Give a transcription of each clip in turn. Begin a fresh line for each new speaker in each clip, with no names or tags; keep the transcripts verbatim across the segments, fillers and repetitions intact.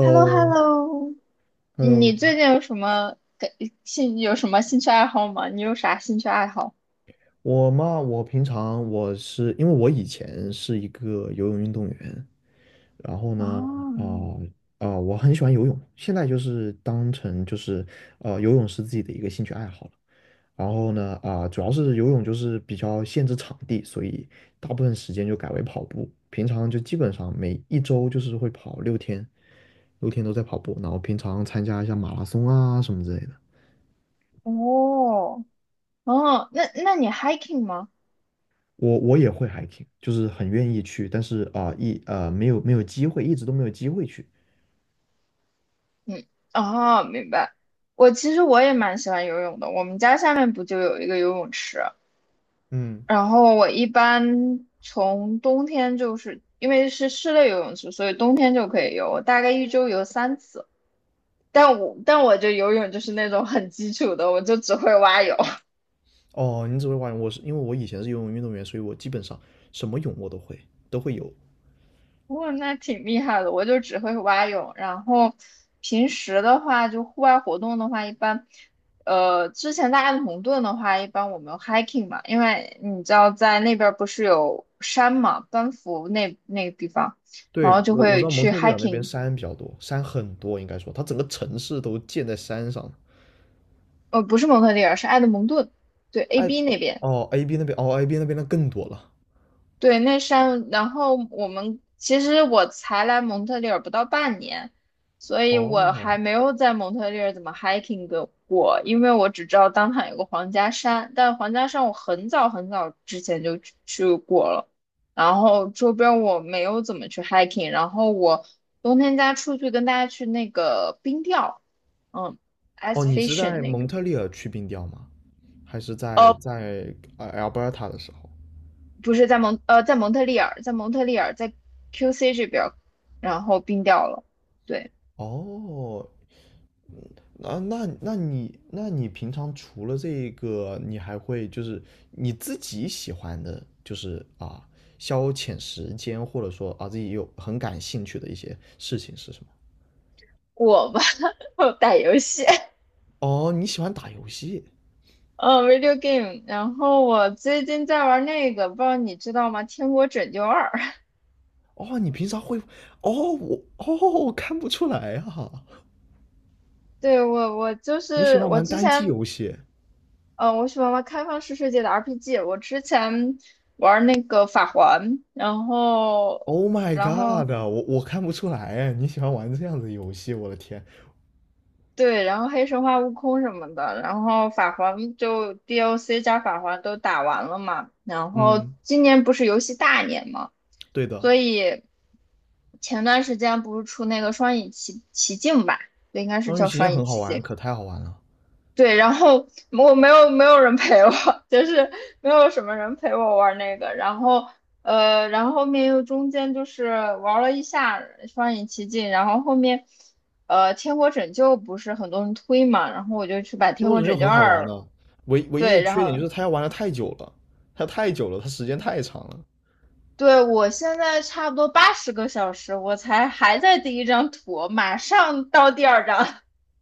h e l l o h e l l o 你最近有什么感兴有什么兴趣爱好吗？你有啥兴趣爱好？
我嘛，我平常我是因为我以前是一个游泳运动员，然后呢，
哦，
啊、啊、我很喜欢游泳，现在就是当成就是呃游泳是自己的一个兴趣爱好了。然后呢，啊、主要是游泳就是比较限制场地，所以大部分时间就改为跑步。平常就基本上每一周就是会跑六天，六天都在跑步，然后平常参加一下马拉松啊什么之类的。
哦，哦，那那你 hiking 吗？
我我也会 hiking,就是很愿意去，但是啊、一呃没有没有机会，一直都没有机会去。
嗯，哦，明白。我其实我也蛮喜欢游泳的，我们家下面不就有一个游泳池，
嗯，
然后我一般从冬天就是因为是室内游泳池，所以冬天就可以游，我大概一周游三次。但我但我就游泳就是那种很基础的，我就只会蛙泳。
哦，你只会蛙泳，我是因为我以前是游泳运动员，所以我基本上什么泳我都会，都会游。
不，那挺厉害的，我就只会蛙泳。然后平时的话，就户外活动的话，一般，呃，之前在埃德蒙顿的话，一般我们 hiking 嘛，因为你知道在那边儿不是有山嘛，班夫那那个地方，
对，
然后就
我我知
会
道蒙
去
特利尔那边
hiking，
山比较多，山很多，应该说它整个城市都建在山上。
呃，不是蒙特利尔，是埃德蒙顿，对
哎，
，A B 那边。
哦，A B 那边，哦，A B 那边那更多了。
对，那山，然后我们其实我才来蒙特利尔不到半年，所以我
哦，
还没有在蒙特利尔怎么 hiking 的过，因为我只知道当场有个皇家山，但皇家山我很早很早之前就去去过了，然后周边我没有怎么去 hiking，然后我冬天家出去跟大家去那个冰钓，嗯
哦，
，ice
你是
fishing
在
那
蒙
个。
特利尔去冰钓吗？还是在在呃 Alberta 的时候？
不是在蒙呃在蒙特利尔，在蒙特利尔在 Q C 这边儿，然后冰掉了。对，
哦，啊，那那你那你平常除了这个，你还会就是你自己喜欢的，就是啊，消遣时间或者说啊自己有很感兴趣的一些事情是什么？
我吧，我打游戏，
哦，你喜欢打游戏？
嗯 v i d e o game。然后我最近在玩那个，不知道你知道吗？《天国拯救二》。
哦，你平常会？哦，我哦，我看不出来啊，
对，我，我就
你喜
是
欢
我
玩
之
单机
前，
游戏
呃，我喜欢玩开放式世界的 R P G。我之前那个法环，然后，
？Oh my
然后
god,我我看不出来，你喜欢玩这样子的游戏，我的天。
对，然后黑神话、悟空什么的，然后法环就 d O c 加法环都打完了嘛，然后
嗯，
今年不是游戏大年嘛，
对的，
所以前段时间不是出那个双影奇奇境吧，应该是
双鱼
叫
期间
双影
很好
奇
玩，
境，
可太好玩了。
对，然后我没有没有人陪我，就是没有什么人陪我玩那个，然后呃，然后后面又中间就是玩了一下双影奇境，然后后面呃天国拯救不是很多人推嘛，然后我就去把
天
天
国
国
拯救
拯救
很好玩
二，
的，唯唯一的
对，然
缺点
后
就是它要玩的太久了，它太久了，它时间太长了。
对我现在差不多八十个小时，我才还在第一张图，马上到第二张，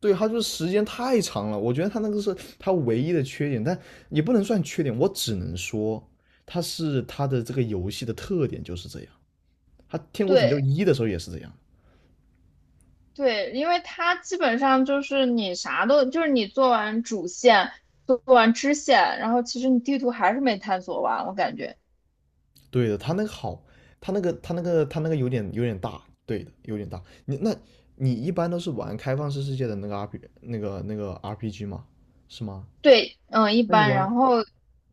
对，它就是时间太长了，我觉得它那个是它唯一的缺点，但也不能算缺点，我只能说它是它的这个游戏的特点就是这样。它 《天国拯救
对，
一》的时候也是这样，
对，因为它基本上就是你啥都，就是你做完主线，做完支线，然后其实你地图还是没探索完，我感觉。
对的，它那个好，它那个它那个它那个有点有点大，对的，有点大。你那你一般都是玩开放式世界的那个 R P 那个那个 R P G 吗？是吗？
对，嗯，一
那你
般。
玩
然后，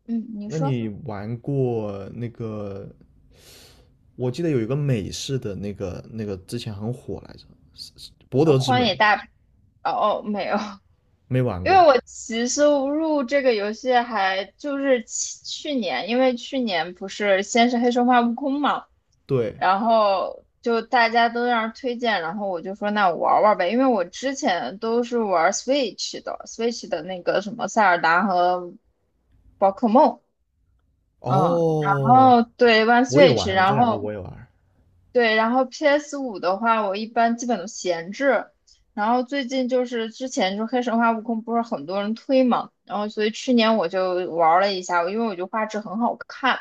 嗯，你
那
说，
你玩过那个？我记得有一个美式的那个那个之前很火来着，《博
呃，
德之
荒
门》
野大，哦哦，没有。
没 玩
因为
过。
我其实入这个游戏还就是去去年，因为去年不是先是黑神话悟空嘛，
对，
然后就大家都让人推荐，然后我就说那我玩玩呗，因为我之前都是玩 Switch 的，Switch 的那个什么塞尔达和宝可梦，嗯，然
哦，
后对玩
我也
Switch，
玩，这
然
两个
后
我也玩。
对，然后 P S 五的话，我一般基本都闲置。然后最近就是之前就黑神话悟空不是很多人推嘛，然后所以去年我就玩了一下，因为我觉得画质很好看，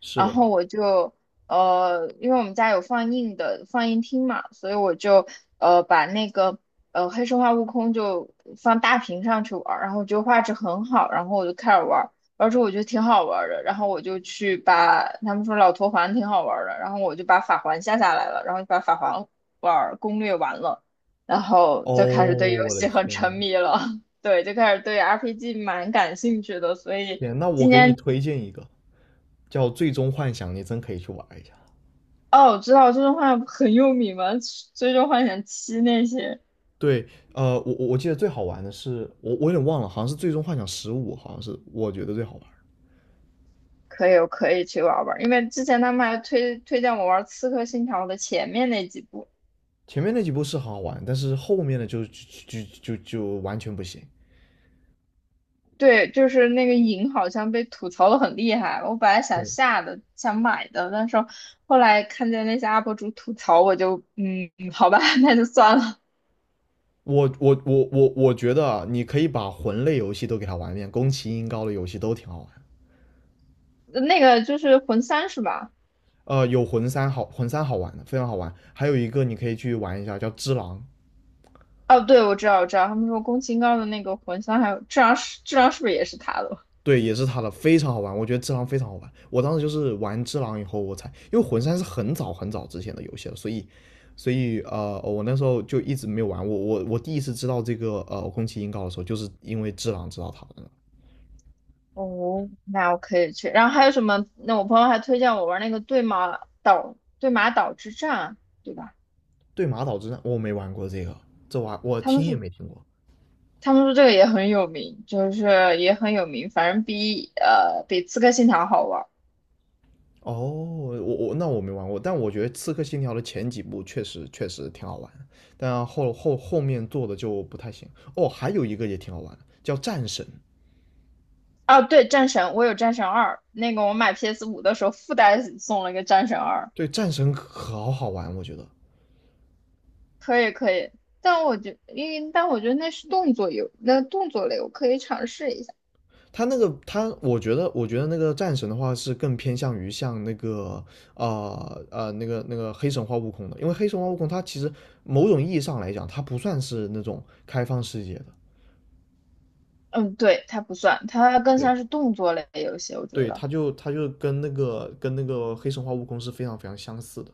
是
然
的，
后我就呃，因为我们家有放映的放映厅嘛，所以我就呃把那个呃黑神话悟空就放大屏上去玩儿，然后就画质很好，然后我就开始玩。之后我觉得挺好玩儿的，然后我就去把他们说老头环挺好玩儿的，然后我就把法环下下来了，然后就把法环玩儿攻略完了，然后就开始对
哦，
游
我的
戏很
天，
沉迷了。对，就开始对 R P G 蛮感兴趣的，所以
天，那我
今
给你
年
推荐一个叫《最终幻想》，你真可以去玩一下。
哦，我知道《最终幻想》很有名嘛，《最终幻想七》那些
对，呃，我我我记得最好玩的是，我我有点忘了，好像是《最终幻想十五》，好像是我觉得最好玩。
可以，我可以去玩儿玩儿，因为之前他们还推推荐我玩儿《刺客信条》的前面那几部，
前面那几部是好好玩，但是后面的就就就就就完全不行。
对，就是那个影好像被吐槽的很厉害。我本来想
对，
下的，想买的，但是后来看见那些 U P 主吐槽，我就嗯，好吧，那就算了。
我我我我我觉得啊，你可以把魂类游戏都给它玩一遍，宫崎英高的游戏都挺好玩。
呃那个就是魂三是吧？
呃，有魂三好，魂三好玩的，非常好玩。还有一个你可以去玩一下，叫《只狼》，
哦，对，我知道，我知道，他们说宫崎英高的那个魂三，还有质量是质量是不是也是他的？
对，也是他的，非常好玩。我觉得《只狼》非常好玩。我当时就是玩《只狼》以后，我才因为魂三是很早很早之前的游戏了，所以所以呃，我那时候就一直没有玩。我我我第一次知道这个呃宫崎英高的时候，就是因为《只狼》知道他的。
哦，那我可以去。然后还有什么？那我朋友还推荐我玩那个对马岛对马岛之战，对吧？
对马岛之战我没玩过这个，这玩我
他们
听也
是
没听过。
他们说这个也很有名，就是也很有名，反正比呃比《刺客信条》好玩儿
哦，我我那我没玩过，但我觉得《刺客信条》的前几部确实确实挺好玩，但后后后面做的就不太行。哦，还有一个也挺好玩的，叫《战神》。
啊，对，《战神》我有《战神二》，那个我买 P S 五的时候附带送了一个《战神二》，
对，《战神》可好好玩，我觉得
可以可以。但我觉，因为但我觉得那是动作游，那动作类我可以尝试一下。
他那个他，我觉得我觉得那个《战神》的话是更偏向于像那个呃呃那个那个黑神话悟空的，因为黑神话悟空它其实某种意义上来讲，它不算是那种开放世界的。
嗯，对，它不算，它更
对，
像是动作类游戏，我觉
对，
得。
它就它就跟那个跟那个黑神话悟空是非常非常相似的。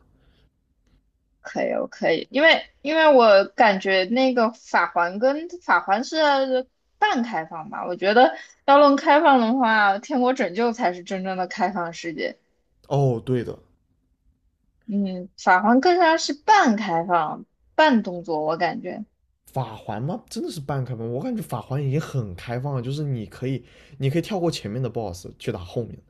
可以，我可以，因为因为我感觉那个法环跟法环是半开放吧，我觉得要论开放的话，天国拯救才是真正的开放世界。
哦，对的，
嗯，法环更像是半开放、半动作，我感觉。
法环吗？真的是半开放，我感觉法环已经很开放了，就是你可以，你可以跳过前面的 BOSS 去打后面的，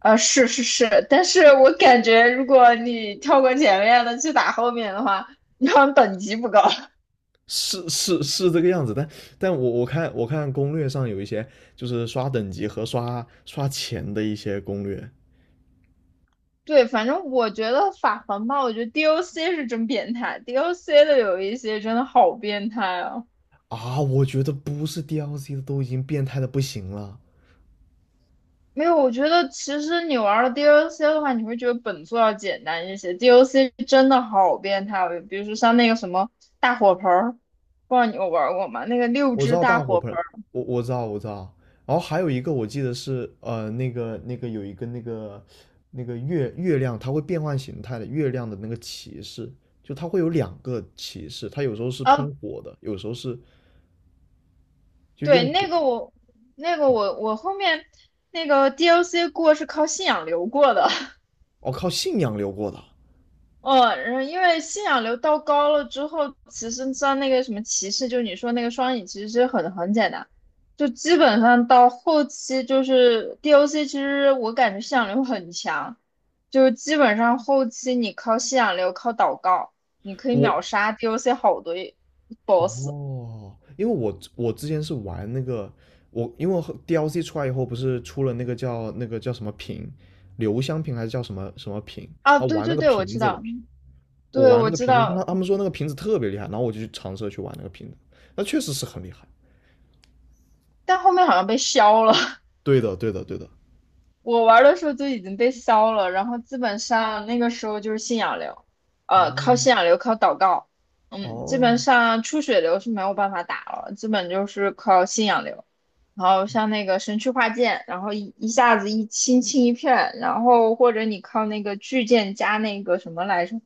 呃，是是是，但是我感觉如果你跳过前面的去打后面的话，你好像等级不高。
是是是这个样子。但但我我看我看攻略上有一些就是刷等级和刷刷钱的一些攻略
对，反正我觉得法环吧，我觉得 D O C 是真变态，D O C 的有一些真的好变态啊。
啊，我觉得不是 D L C 的都已经变态的不行了。
没有，我觉得其实你玩了 D L C 的话，你会觉得本作要简单一些。D L C 真的好变态哦，比如说像那个什么大火盆儿，不知道你有玩过吗？那个六
我知
只
道
大
大火
火
盆，
盆儿
我我知道，我知道。然后还有一个我记得是呃那个那个有一个那个那个月月亮，它会变换形态的，月亮的那个骑士，就它会有两个骑士，它有时候是
啊，
喷火的，有时候是就
对，
用
那
火。
个我，那个我，我后面那个 D L C 过是靠信仰流过的。
哦，靠信仰流过的。
哦，然后因为信仰流到高了之后，其实像那个什么歧视，就是你说那个双影，其实是很很简单，就基本上到后期就是 D O C，其实我感觉信仰流很强，就是基本上后期你靠信仰流靠祷告，你可以
我
秒杀 D O C 好多 BOSS
哦，因为我我之前是玩那个我，因为和 D L C 出来以后不是出了那个叫那个叫什么瓶，留香瓶还是叫什么什么瓶
啊，
啊？
对
玩那
对
个
对，我
瓶
知
子了。
道，
我
对
玩
我
那个
知
瓶子，他
道，
他们说那个瓶子特别厉害，然后我就去尝试去玩那个瓶子，那确实是很厉害。
但后面好像被削了，
对的，对的，对的。
我玩的时候就已经被烧了，然后基本上那个时候就是信仰流，呃，靠
哦
信仰流，靠祷告，嗯，基本
哦，
上出血流是没有办法打了，基本就是靠信仰流，然后像那个神区化剑，然后一一下子一清清一片，然后或者你靠那个巨剑加那个什么来着，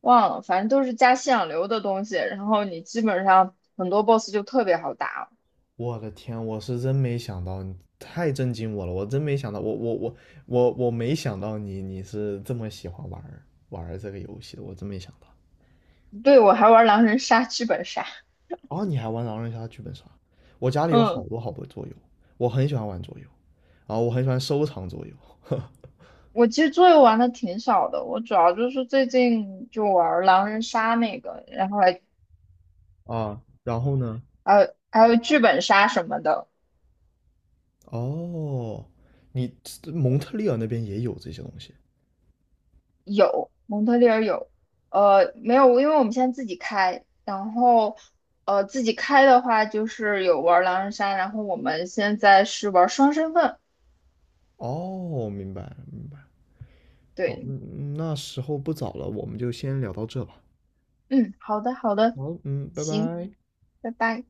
忘了，反正都是加信仰流的东西，然后你基本上很多 boss 就特别好打了。
我的天，我是真没想到，你太震惊我了，我真没想到，我我我我我没想到你你是这么喜欢玩儿玩儿这个游戏的，我真没想到。
对，我还玩狼人杀剧本杀，
哦，你还玩狼人杀、剧本杀？我家里有
嗯。
好多好多桌游，我很喜欢玩桌游，啊，我很喜欢收藏桌游，
我其实桌游玩的挺少的，我主要就是最近就玩儿狼人杀那个，然后还
啊，然后呢？
还有还有剧本杀什么的，
哦，你蒙特利尔那边也有这些东西。
有蒙特利尔有，呃没有，因为我们现在自己开，然后呃自己开的话就是有玩儿狼人杀，然后我们现在是玩儿双身份，
哦，明白了明白了，好，
对，
嗯那时候不早了，我们就先聊到这吧。
嗯，好的好的，
好，嗯，拜
行，
拜。
拜拜。